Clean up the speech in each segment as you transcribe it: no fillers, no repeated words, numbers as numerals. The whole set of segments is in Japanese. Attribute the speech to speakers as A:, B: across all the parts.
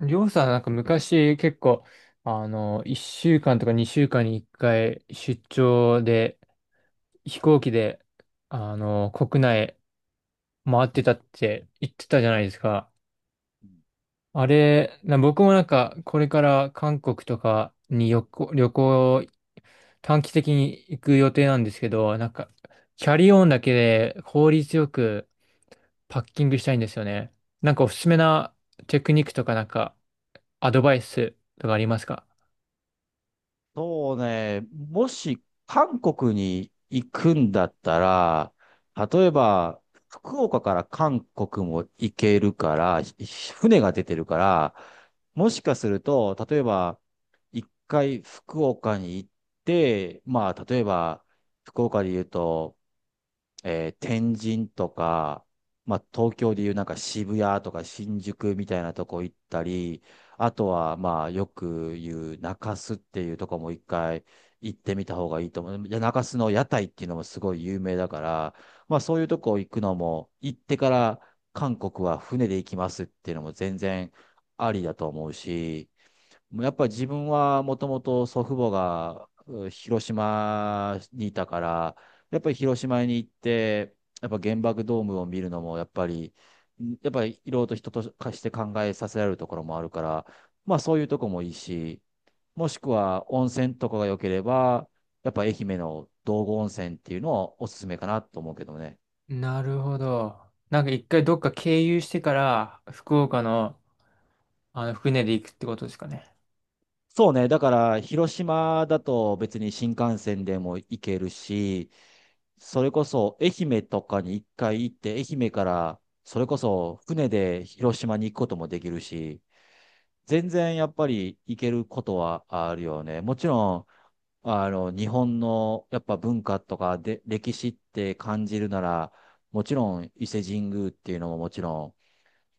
A: りょうさん、なんか昔結構、1週間とか2週間に1回出張で、飛行機で、国内回ってたって言ってたじゃないですか。あれ、僕もなんか、これから韓国とかに旅行、短期的に行く予定なんですけど、なんか、キャリーオンだけで効率よくパッキングしたいんですよね。なんかおすすめなテクニックとかなんか、アドバイスとかありますか？
B: そうね、もし韓国に行くんだったら、例えば、福岡から韓国も行けるから、船が出てるから、もしかすると、例えば、一回福岡に行って、まあ、例えば、福岡で言うと、天神とか、まあ、東京でいうなんか渋谷とか新宿みたいなとこ行ったり、あとはまあよく言う中洲っていうとこも一回行ってみた方がいいと思う。中洲の屋台っていうのもすごい有名だから、まあそういうとこ行くのも、行ってから韓国は船で行きますっていうのも全然ありだと思うし、やっぱり自分はもともと祖父母が広島にいたから、やっぱり広島に行って、やっぱ原爆ドームを見るのも、やっぱり、やっぱりいろいろと人と化して考えさせられるところもあるから、まあそういうとこもいいし、もしくは温泉とかが良ければ、やっぱ愛媛の道後温泉っていうのをおすすめかなと思うけどね。
A: なるほど。なんか一回どっか経由してから福岡の船で行くってことですかね。
B: そうね、だから広島だと別に新幹線でも行けるし、それこそ愛媛とかに一回行って、愛媛からそれこそ船で広島に行くこともできるし、全然やっぱり行けることはあるよね。もちろん、日本のやっぱ文化とかで歴史って感じるなら、もちろん伊勢神宮っていうのももちろん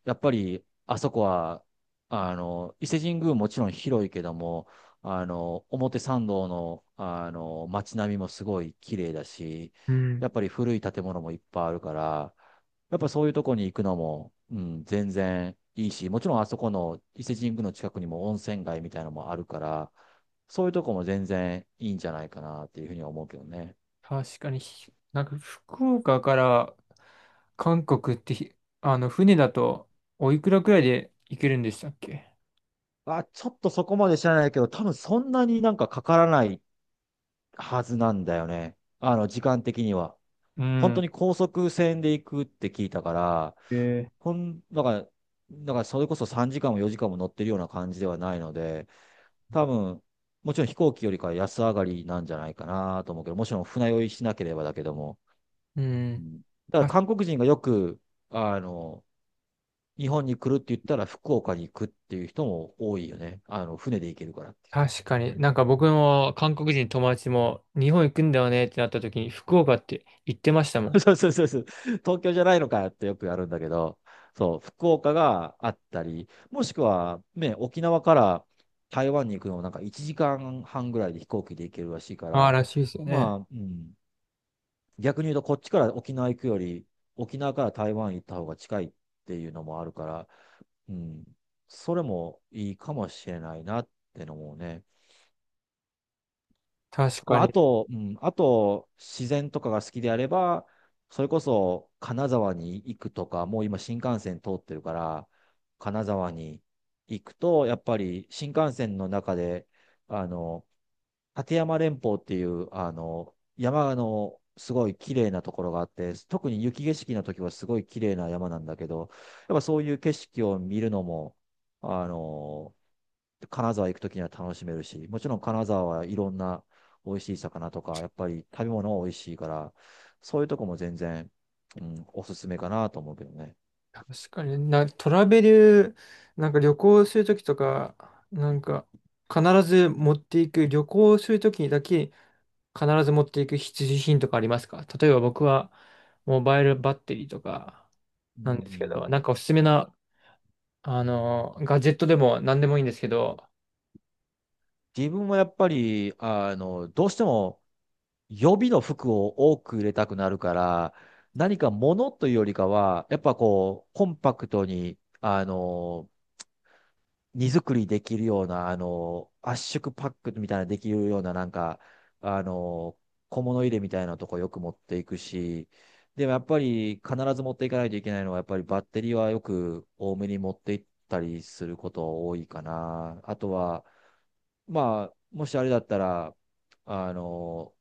B: やっぱり、あそこは、伊勢神宮もちろん広いけども、表参道の、街並みもすごい綺麗だし、
A: うん。
B: やっぱり古い建物もいっぱいあるから、やっぱそういうとこに行くのも、うん、全然いいし、もちろんあそこの伊勢神宮の近くにも温泉街みたいなのもあるから、そういうとこも全然いいんじゃないかなっていうふうには思うけどね。
A: 確かになんか福岡から韓国ってあの船だとおいくらくらいで行けるんでしたっけ？
B: あ、ちょっとそこまで知らないけど、多分そんなになんかかからないはずなんだよね。あの、時間的には。
A: う
B: 本当
A: ん。
B: に高速線で行くって聞いたから、
A: へえ。
B: だから、だからそれこそ3時間も4時間も乗ってるような感じではないので、多分、もちろん飛行機よりかは安上がりなんじゃないかなと思うけど、もちろん船酔いしなければだけども。
A: う
B: う
A: ん。
B: ん。だから韓国人がよく、あの、日本に来るって言ったら福岡に行くっていう人も多いよね。あの、船で行けるから。
A: 確かに。なんか僕も韓国人友達も日本行くんだよねってなった時に福岡って言ってましたも ん。
B: そうそうそうそう。東京じゃないのかよってよくやるんだけど、そう、福岡があったり、もしくは、ね、沖縄から台湾に行くのもなんか1時間半ぐらいで飛行機で行けるらしいか
A: ああ、
B: ら、
A: らしいですよね。
B: まあ、うん、逆に言うとこっちから沖縄行くより、沖縄から台湾行った方が近いっていうのもあるから、うん、それもいいかもしれないなってのもね。
A: 確
B: ま
A: か
B: あ、あ
A: に。
B: と、うん、あと、自然とかが好きであれば、それこそ金沢に行くとか、もう今新幹線通ってるから、金沢に行くと、やっぱり新幹線の中で、あの、立山連峰っていう、山のすごい綺麗なところがあって、特に雪景色の時はすごい綺麗な山なんだけど、やっぱそういう景色を見るのも、あの、金沢行くときには楽しめるし、もちろん金沢はいろんな美味しい魚とか、やっぱり食べ物は美味しいから、そういうとこも全然、うん、おすすめかなと思うけどね。
A: 確かに。トラベル、なんか旅行するときとか、なんか必ず持っていく、旅行するときにだけ必ず持っていく必需品とかありますか？例えば僕はモバイルバッテリーとか
B: う
A: なんですけど、なん
B: ん、
A: かおすすめな、ガジェットでも何でもいいんですけど。
B: 自分はやっぱり、どうしても予備の服を多く入れたくなるから、何か物というよりかは、やっぱこう、コンパクトに、荷造りできるような、圧縮パックみたいなできるような、なんか、あの、小物入れみたいなとこよく持っていくし、でもやっぱり必ず持っていかないといけないのは、やっぱりバッテリーはよく多めに持っていったりすること多いかな。あとは、まあ、もしあれだったら、あの、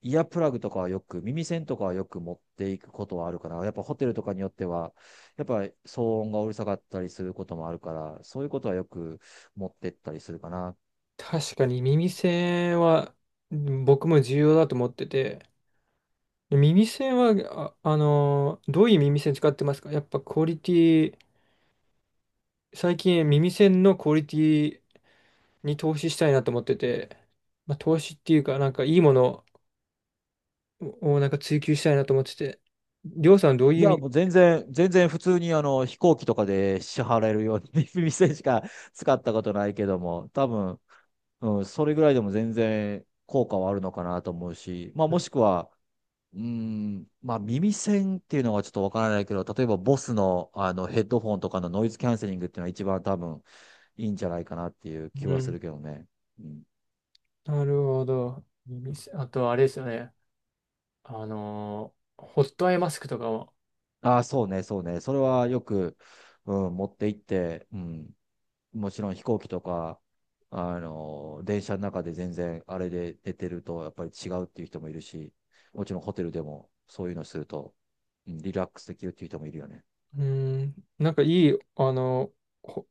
B: イヤープラグとかはよく、耳栓とかはよく持っていくことはあるかな。やっぱホテルとかによっては、やっぱり騒音がうるさかったりすることもあるから、そういうことはよく持ってったりするかな。
A: 確かに耳栓は、うん、僕も重要だと思ってて、耳栓は、どういう耳栓使ってますか？やっぱクオリティ、最近耳栓のクオリティに投資したいなと思ってて、まあ、投資っていうか、なんかいいものをなんか追求したいなと思ってて、りょうさんどういう
B: いや、
A: 耳、
B: もう全然、全然普通にあの飛行機とかで支払えるように 耳栓しか使ったことないけども、多分、うん、それぐらいでも全然効果はあるのかなと思うし、まあもしくは、まあ耳栓っていうのはちょっとわからないけど、例えばボスの、あのヘッドフォンとかのノイズキャンセリングっていうのは一番多分いいんじゃないかなっていう気
A: う
B: はす
A: ん、
B: るけどね。うん。
A: なるほど。耳栓あと、あれですよね。ホットアイマスクとかも。
B: ああ、そうね、そうね。それはよく、うん、持って行って、うん、もちろん飛行機とか、電車の中で全然あれで寝てるとやっぱり違うっていう人もいるし、もちろんホテルでもそういうのすると、うん、リラックスできるっていう人もいるよね。
A: うん、なんかいい、ー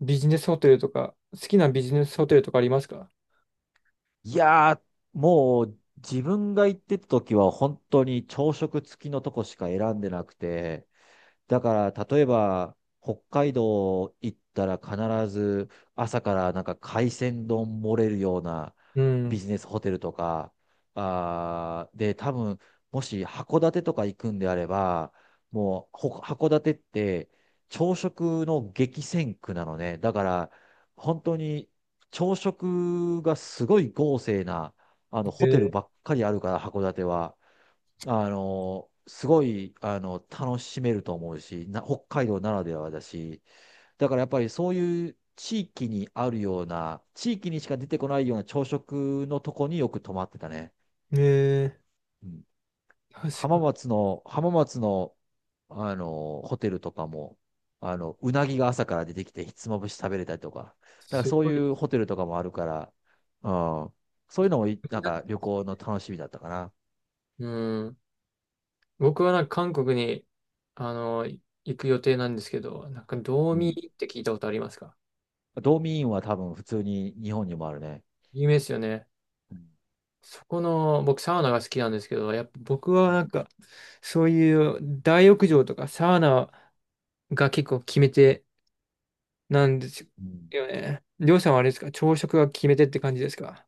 A: ビジネスホテルとか、好きなビジネスホテルとかありますか？
B: いやー、もう自分が行ってた時は本当に朝食付きのとこしか選んでなくて、だから、例えば、北海道行ったら必ず朝からなんか海鮮丼盛れるような
A: う
B: ビ
A: ん。
B: ジネスホテルとか、あーで、多分、もし函館とか行くんであれば、もう、函館って朝食の激戦区なのね。だから、本当に朝食がすごい豪勢な、ホテルば
A: え
B: っかりあるから、函館は。あの、すごい、楽しめると思うし、北海道ならではだし、だからやっぱりそういう地域にあるような、地域にしか出てこないような朝食のとこによく泊まってたね。
A: ー、え
B: うん、
A: 確かに。
B: 浜松の、ホテルとかも、うなぎが朝から出てきて、ひつまぶし食べれたりとか、なんか
A: す
B: そう
A: ご
B: い
A: い
B: うホテルとかもあるから、うん、そういうのもい、
A: 気
B: な
A: に
B: ん
A: なって
B: か
A: るん
B: 旅
A: ですよ。
B: 行の楽しみだったかな。
A: うん。僕はなんか韓国に、行く予定なんですけど、なんか、道
B: う
A: 民
B: ん。
A: って聞いたことありますか？
B: ドーミーインは多分普通に日本にもあるね。
A: 有名ですよね。
B: うん。
A: そこの、僕サウナが好きなんですけど、やっぱ僕はなんか、そういう大浴場とかサウナが結構決め手なんです
B: うん。
A: よね。りょうさんはあれですか？朝食が決め手って感じですか？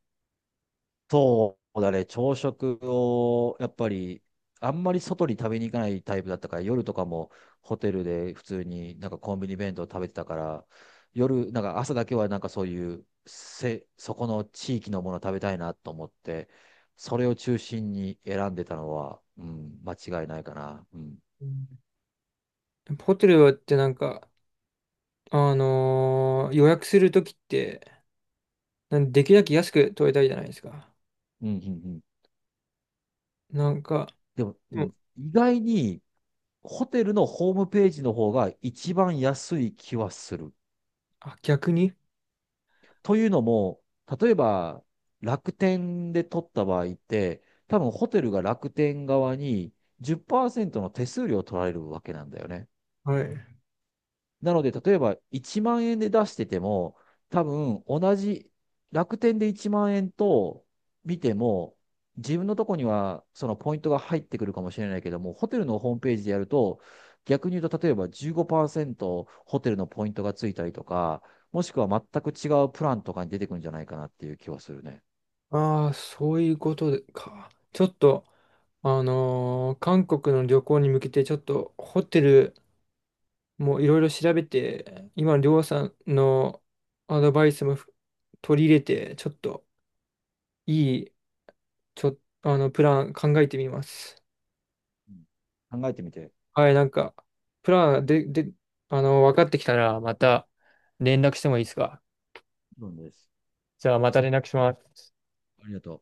B: そうだね、朝食をやっぱりあんまり外に食べに行かないタイプだったから、夜とかもホテルで普通になんかコンビニ弁当食べてたから、なんか朝だけはなんかそういうせ、そこの地域のもの食べたいなと思って、それを中心に選んでたのは、うん、間違いないかな。うん。
A: うん。ホテルってなんか、予約するときって、なんできるだけ安く取れたいじゃないですか。
B: うん、うん、うん。
A: なんか、
B: でも、う
A: で
B: ん、
A: も、
B: 意外にホテルのホームページの方が一番安い気はする。
A: あ、逆に、
B: というのも、例えば楽天で取った場合って、多分ホテルが楽天側に10%の手数料を取られるわけなんだよね。
A: はい。
B: なので、例えば1万円で出してても、多分同じ楽天で1万円と見ても、自分のとこにはそのポイントが入ってくるかもしれないけども、ホテルのホームページでやると、逆に言うと、例えば15%ホテルのポイントがついたりとか、もしくは全く違うプランとかに出てくるんじゃないかなっていう気はするね。
A: ああ、そういうことでか。ちょっと、あのー韓国の旅行に向けて、ちょっとホテルもういろいろ調べて、今のりょうさんのアドバイスも取り入れて、ちょっといい、ちょ、あの、プラン考えてみます。
B: うん。考えてみて。
A: はい、なんか、プランで、で、あの、分かってきたら、また連絡してもいいですか？
B: どうです。
A: じゃあ、また連絡します。
B: ありがとう。